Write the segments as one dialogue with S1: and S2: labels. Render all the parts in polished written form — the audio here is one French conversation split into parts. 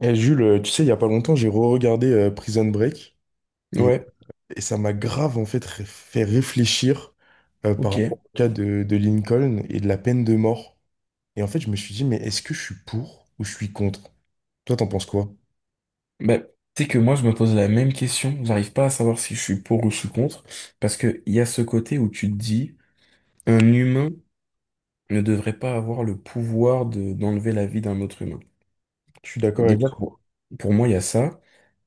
S1: Eh, Jules, tu sais, il y a pas longtemps, j'ai re-regardé Prison Break et,
S2: Ouais,
S1: et ça m'a grave en fait fait réfléchir par
S2: ok.
S1: rapport au cas de Lincoln et de la peine de mort. Et en fait, je me suis dit, mais est-ce que je suis pour ou je suis contre? Toi, t'en penses quoi?
S2: Bah, tu sais que moi, je me pose la même question. J'arrive pas à savoir si je suis pour ou je suis contre. Parce que il y a ce côté où tu te dis, un humain ne devrait pas avoir le pouvoir d'enlever la vie d'un autre humain.
S1: Je suis d'accord avec
S2: Déjà,
S1: toi.
S2: pour moi, il y a ça.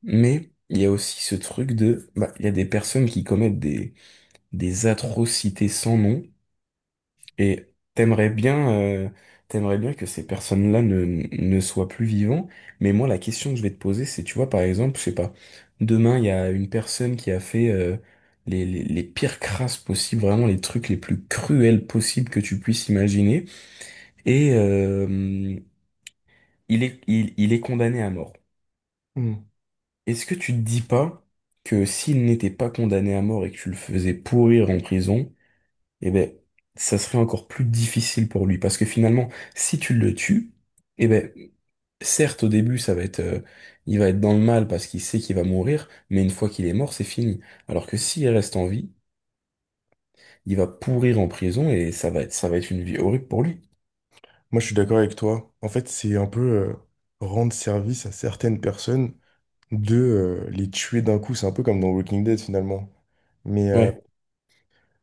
S2: Mais il y a aussi ce truc de, bah, il y a des personnes qui commettent des atrocités sans nom. Et t'aimerais bien, euh, t'aimerais bien que ces personnes-là ne soient plus vivants. Mais moi, la question que je vais te poser, c'est, tu vois, par exemple, je sais pas, demain, il y a une personne qui a fait les pires crasses possibles, vraiment les trucs les plus cruels possibles que tu puisses imaginer. Et il est condamné à mort.
S1: Hmm.
S2: Est-ce que tu te dis pas que s'il n'était pas condamné à mort et que tu le faisais pourrir en prison, eh ben, ça serait encore plus difficile pour lui. Parce que finalement, si tu le tues, eh ben, certes, au début, ça va être, il va être dans le mal parce qu'il sait qu'il va mourir, mais une fois qu'il est mort, c'est fini. Alors que s'il reste en vie, il va pourrir en prison et ça va être une vie horrible pour lui.
S1: Moi, je suis d'accord avec toi. En fait, c'est un peu rendre service à certaines personnes de les tuer d'un coup. C'est un peu comme dans Walking Dead finalement. Mais,
S2: Ouais.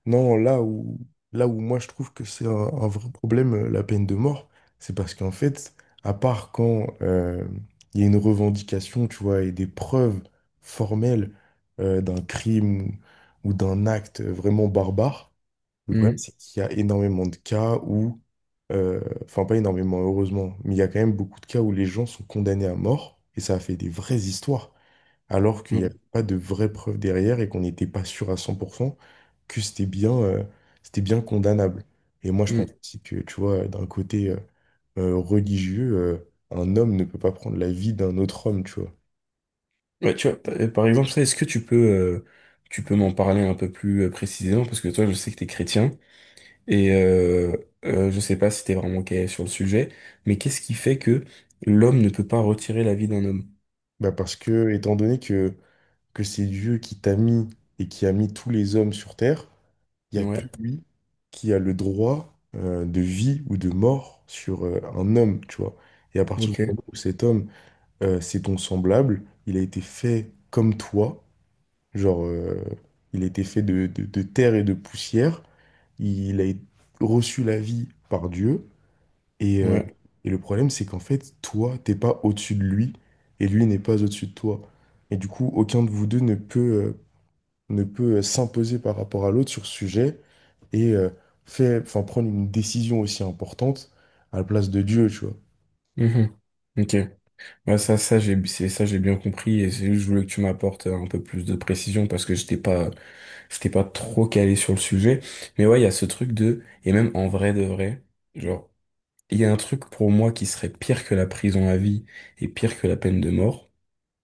S1: non, là où moi je trouve que c'est un vrai problème, la peine de mort, c'est parce qu'en fait, à part quand il y a une revendication, tu vois, et des preuves formelles d'un crime ou d'un acte vraiment barbare, le problème
S2: Mhm.
S1: c'est qu'il y a énormément de cas où, enfin pas énormément, heureusement, mais il y a quand même beaucoup de cas où les gens sont condamnés à mort, et ça a fait des vraies histoires alors qu'il n'y avait
S2: Mhm.
S1: pas de vraies preuves derrière et qu'on n'était pas sûr à 100% que c'était bien condamnable. Et moi, je pense
S2: Mhm.
S1: aussi que, tu vois, d'un côté religieux, un homme ne peut pas prendre la vie d'un autre homme, tu vois.
S2: Ouais, tu vois, par exemple, ça, est-ce que tu peux m'en parler un peu plus précisément? Parce que toi, je sais que t'es chrétien. Et je sais pas si t'es vraiment calé sur le sujet, mais qu'est-ce qui fait que l'homme ne peut pas retirer la vie d'un homme?
S1: Bah parce que, que c'est Dieu qui t'a mis et qui a mis tous les hommes sur Terre, il n'y a
S2: Ouais,
S1: que lui qui a le droit de vie ou de mort sur un homme, tu vois. Et à partir du
S2: ok,
S1: moment où cet homme c'est ton semblable, il a été fait comme toi, genre, il a été fait de, de terre et de poussière, il a reçu la vie par Dieu, et, euh,
S2: ouais.
S1: et le problème, c'est qu'en fait, toi, t'es pas au-dessus de lui, et lui n'est pas au-dessus de toi. Et du coup, aucun de vous deux ne peut, ne peut s'imposer par rapport à l'autre sur ce sujet, et euh, fait, enfin, prendre une décision aussi importante à la place de Dieu, tu vois.
S2: Mhm. Ok. Ouais, ça j'ai bien compris et c'est juste, je voulais que tu m'apportes un peu plus de précision parce que j'étais pas trop calé sur le sujet. Mais ouais, il y a ce truc de, et même en vrai de vrai, genre, il y a un truc pour moi qui serait pire que la prison à vie et pire que la peine de mort,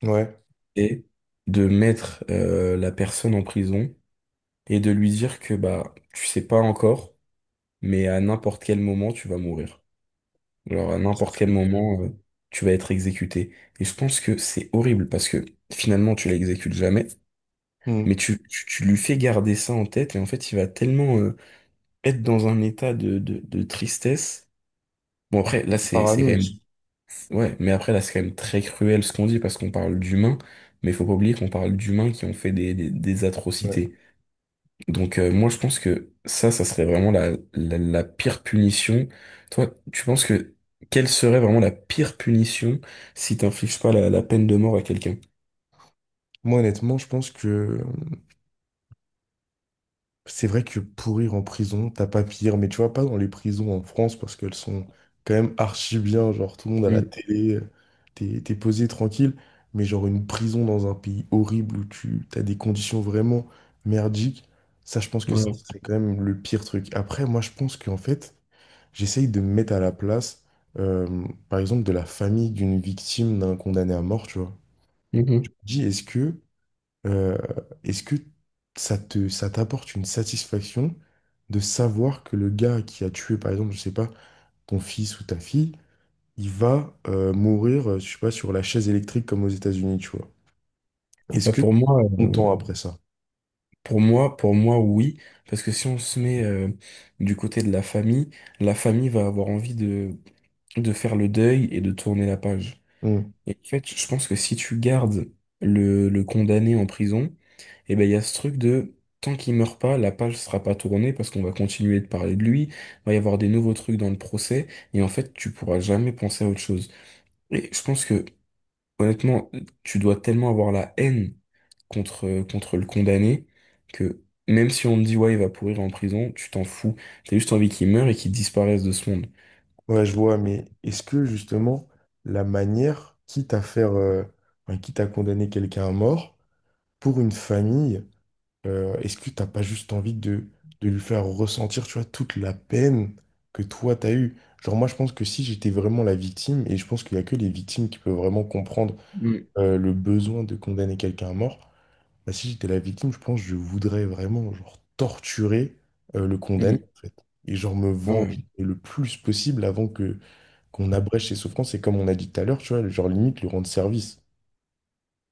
S1: Ouais,
S2: et de mettre la personne en prison et de lui dire que bah tu sais pas encore, mais à n'importe quel moment tu vas mourir. Alors à
S1: ça
S2: n'importe quel
S1: serait terrible.
S2: moment tu vas être exécuté. Et je pense que c'est horrible parce que finalement tu l'exécutes jamais,
S1: Hmm.
S2: mais tu lui fais garder ça en tête et en fait il va tellement être dans un état de tristesse. Bon après là c'est
S1: Parano
S2: quand même
S1: aussi.
S2: ouais, mais après là c'est quand même très cruel ce qu'on dit parce qu'on parle d'humains, mais faut pas oublier qu'on parle d'humains qui ont fait des atrocités. Donc moi je pense que ça serait vraiment la pire punition. Toi, tu penses que quelle serait vraiment la pire punition si t'infliges pas la peine de mort à quelqu'un?
S1: Moi, honnêtement, je pense que c'est vrai que pourrir en prison, t'as pas pire, mais tu vois, pas dans les prisons en France parce qu'elles sont quand même archi bien, genre tout le monde à la
S2: Mm,
S1: télé, t'es posé tranquille, mais genre une prison dans un pays horrible où tu t'as des conditions vraiment merdiques, ça, je pense que ça,
S2: voilà.
S1: c'est quand même le pire truc. Après, moi, je pense qu'en fait, j'essaye de me mettre à la place, par exemple, de la famille d'une victime d'un condamné à mort, tu vois. Je
S2: Mhm.
S1: me dis, Euh, est-ce que ça t'apporte une satisfaction de savoir que le gars qui a tué, par exemple, je sais pas, ton fils ou ta fille, il va mourir, je sais pas, sur la chaise électrique comme aux États-Unis, tu vois. Est-ce
S2: Bah,
S1: que tu
S2: pour moi,
S1: es content après ça?
S2: pour moi, oui, parce que si on se met du côté de la famille va avoir envie de faire le deuil et de tourner la page.
S1: Hmm.
S2: Et en fait, je pense que si tu gardes le condamné en prison, et ben il y a ce truc de tant qu'il meurt pas, la page sera pas tournée parce qu'on va continuer de parler de lui, va y avoir des nouveaux trucs dans le procès, et en fait tu pourras jamais penser à autre chose. Et je pense que honnêtement, tu dois tellement avoir la haine contre le condamné que même si on te dit ouais il va pourrir en prison, tu t'en fous. T'as juste envie qu'il meure et qu'il disparaisse de ce monde.
S1: Ouais, je vois, mais est-ce que justement la manière, enfin, quitte à condamner quelqu'un à mort, pour une famille, est-ce que t'as pas juste envie de lui faire ressentir, tu vois, toute la peine que toi t'as eue? Genre moi je pense que si j'étais vraiment la victime, et je pense qu'il y a que les victimes qui peuvent vraiment comprendre
S2: Mm,
S1: le besoin de condamner quelqu'un à mort, bah, si j'étais la victime, je pense que je voudrais vraiment genre torturer le condamné
S2: mm.
S1: en fait. Et genre me
S2: Ouais,
S1: venger le plus possible avant que qu'on abrège ses souffrances. Et comme on a dit tout à l'heure, tu vois, genre limite lui rendre service.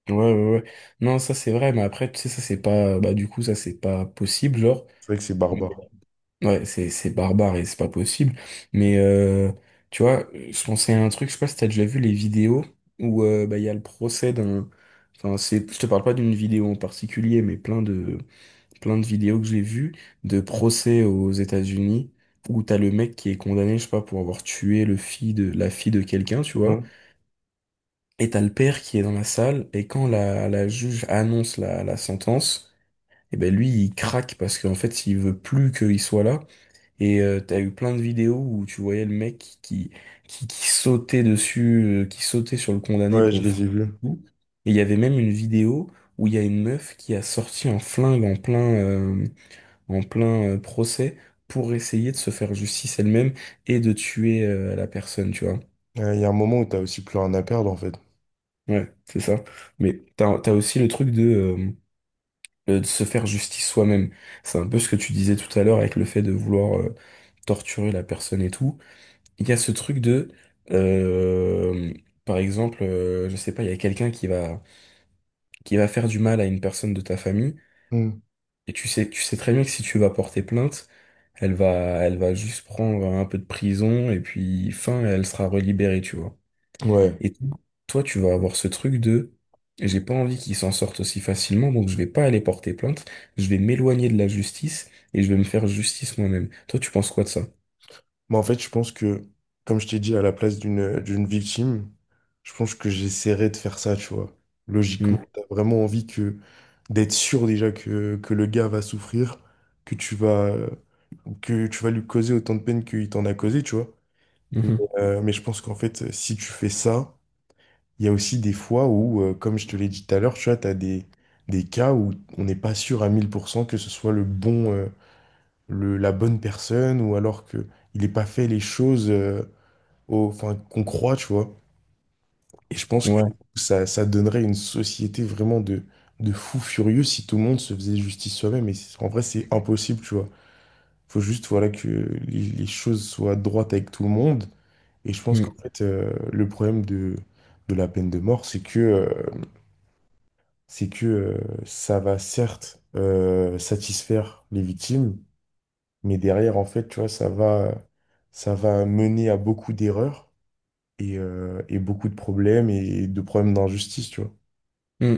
S2: ouais, ouais, ouais. Non, ça c'est vrai, mais après, tu sais, ça c'est pas, bah, du coup, ça c'est pas possible, genre.
S1: C'est vrai que c'est barbare.
S2: Ouais, c'est barbare et c'est pas possible. Mais tu vois, je pensais à un truc, je sais pas si t'as déjà vu les vidéos où bah, il y a le procès d'un. Enfin, c'est, je te parle pas d'une vidéo en particulier, mais plein de vidéos que j'ai vues de procès aux États-Unis où t'as le mec qui est condamné, je sais pas, pour avoir tué la fille de quelqu'un, tu vois.
S1: Mmh.
S2: Et t'as le père qui est dans la salle et quand la juge annonce la sentence, et ben lui, il craque parce qu'en fait, il veut plus qu'il soit là. Et t'as eu plein de vidéos où tu voyais le mec qui sautait dessus, qui sautait sur le condamné
S1: Ouais,
S2: pour
S1: je
S2: le
S1: les ai
S2: frapper.
S1: vus.
S2: Et tout. Et il y avait même une vidéo où il y a une meuf qui a sorti un flingue en plein, procès pour essayer de se faire justice elle-même et de tuer la personne, tu vois.
S1: Ouais, il y a un moment où t'as aussi plus rien à perdre en fait.
S2: Ouais, c'est ça. Mais t'as aussi le truc de se faire justice soi-même. C'est un peu ce que tu disais tout à l'heure avec le fait de vouloir torturer la personne et tout. Il y a ce truc de, euh, par exemple, je sais pas, il y a quelqu'un qui va faire du mal à une personne de ta famille,
S1: Hmm.
S2: et tu sais très bien que si tu vas porter plainte, elle va, elle va juste prendre un peu de prison, et puis fin, elle sera relibérée, tu vois.
S1: Ouais.
S2: Et toi, tu vas avoir ce truc de, j'ai pas envie qu'ils s'en sortent aussi facilement, donc je vais pas aller porter plainte, je vais m'éloigner de la justice, et je vais me faire justice moi-même. Toi, tu penses quoi de ça?
S1: Mais en fait, je pense que, comme je t'ai dit, à la place d'une victime, je pense que j'essaierais de faire ça, tu vois.
S2: Hmm.
S1: Logiquement, t'as vraiment envie que d'être sûr déjà que le gars va souffrir, que tu vas, que tu vas lui causer autant de peine qu'il t'en a causé, tu vois. Mais,
S2: Mhm.
S1: mais je pense qu'en fait, si tu fais ça, il y a aussi des fois où, comme je te l'ai dit tout à l'heure, tu vois, des cas où on n'est pas sûr à 1000% que ce soit le bon, la bonne personne ou alors que il n'ait pas fait les choses enfin, qu'on croit, tu vois. Et je pense que
S2: Ouais.
S1: ça donnerait une société vraiment de fous furieux si tout le monde se faisait justice soi-même. En vrai, c'est impossible, tu vois. Faut juste voilà, que les choses soient droites avec tout le monde. Et je pense qu'en
S2: Mmh.
S1: fait, le problème de la peine de mort, c'est que ça va certes satisfaire les victimes, mais derrière, en fait, tu vois, ça va mener à beaucoup d'erreurs et beaucoup de problèmes et de problèmes d'injustice, tu vois.
S2: Mm.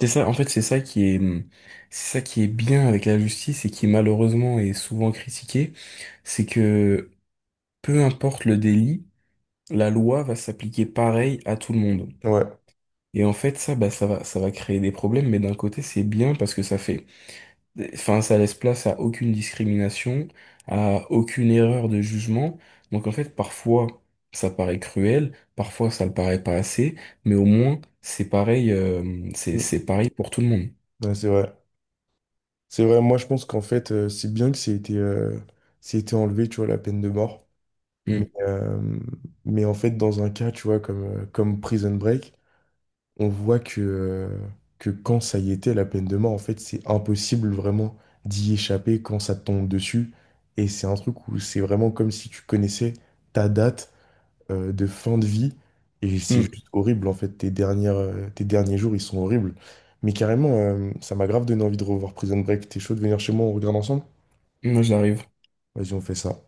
S2: C'est ça, en fait, c'est ça qui est bien avec la justice et qui malheureusement est souvent critiqué, c'est que peu importe le délit, la loi va s'appliquer pareil à tout le monde.
S1: Ouais,
S2: Et en fait, ça, bah, ça va créer des problèmes, mais d'un côté, c'est bien parce que ça fait, enfin, ça laisse place à aucune discrimination, à aucune erreur de jugement. Donc en fait, parfois, ça paraît cruel, parfois, ça le paraît pas assez, mais au moins, c'est pareil,
S1: mm.
S2: c'est pareil pour tout le monde.
S1: Ouais, c'est vrai. C'est vrai, moi, je pense qu'en fait, c'est bien que c'est été enlevé, tu vois, la peine de mort. Mais,
S2: Mmh.
S1: euh, mais en fait, dans un cas, tu vois, comme Prison Break, on voit que quand ça y était, la peine de mort, en fait, c'est impossible vraiment d'y échapper quand ça te tombe dessus. Et c'est un truc où c'est vraiment comme si tu connaissais ta date de fin de vie. Et c'est
S2: Hmm,
S1: juste horrible, en fait. Tes derniers jours, ils sont horribles. Mais carrément, ça m'a grave donné envie de revoir Prison Break. T'es chaud de venir chez moi, on regarde ensemble?
S2: moi j'arrive.
S1: Vas-y, on fait ça.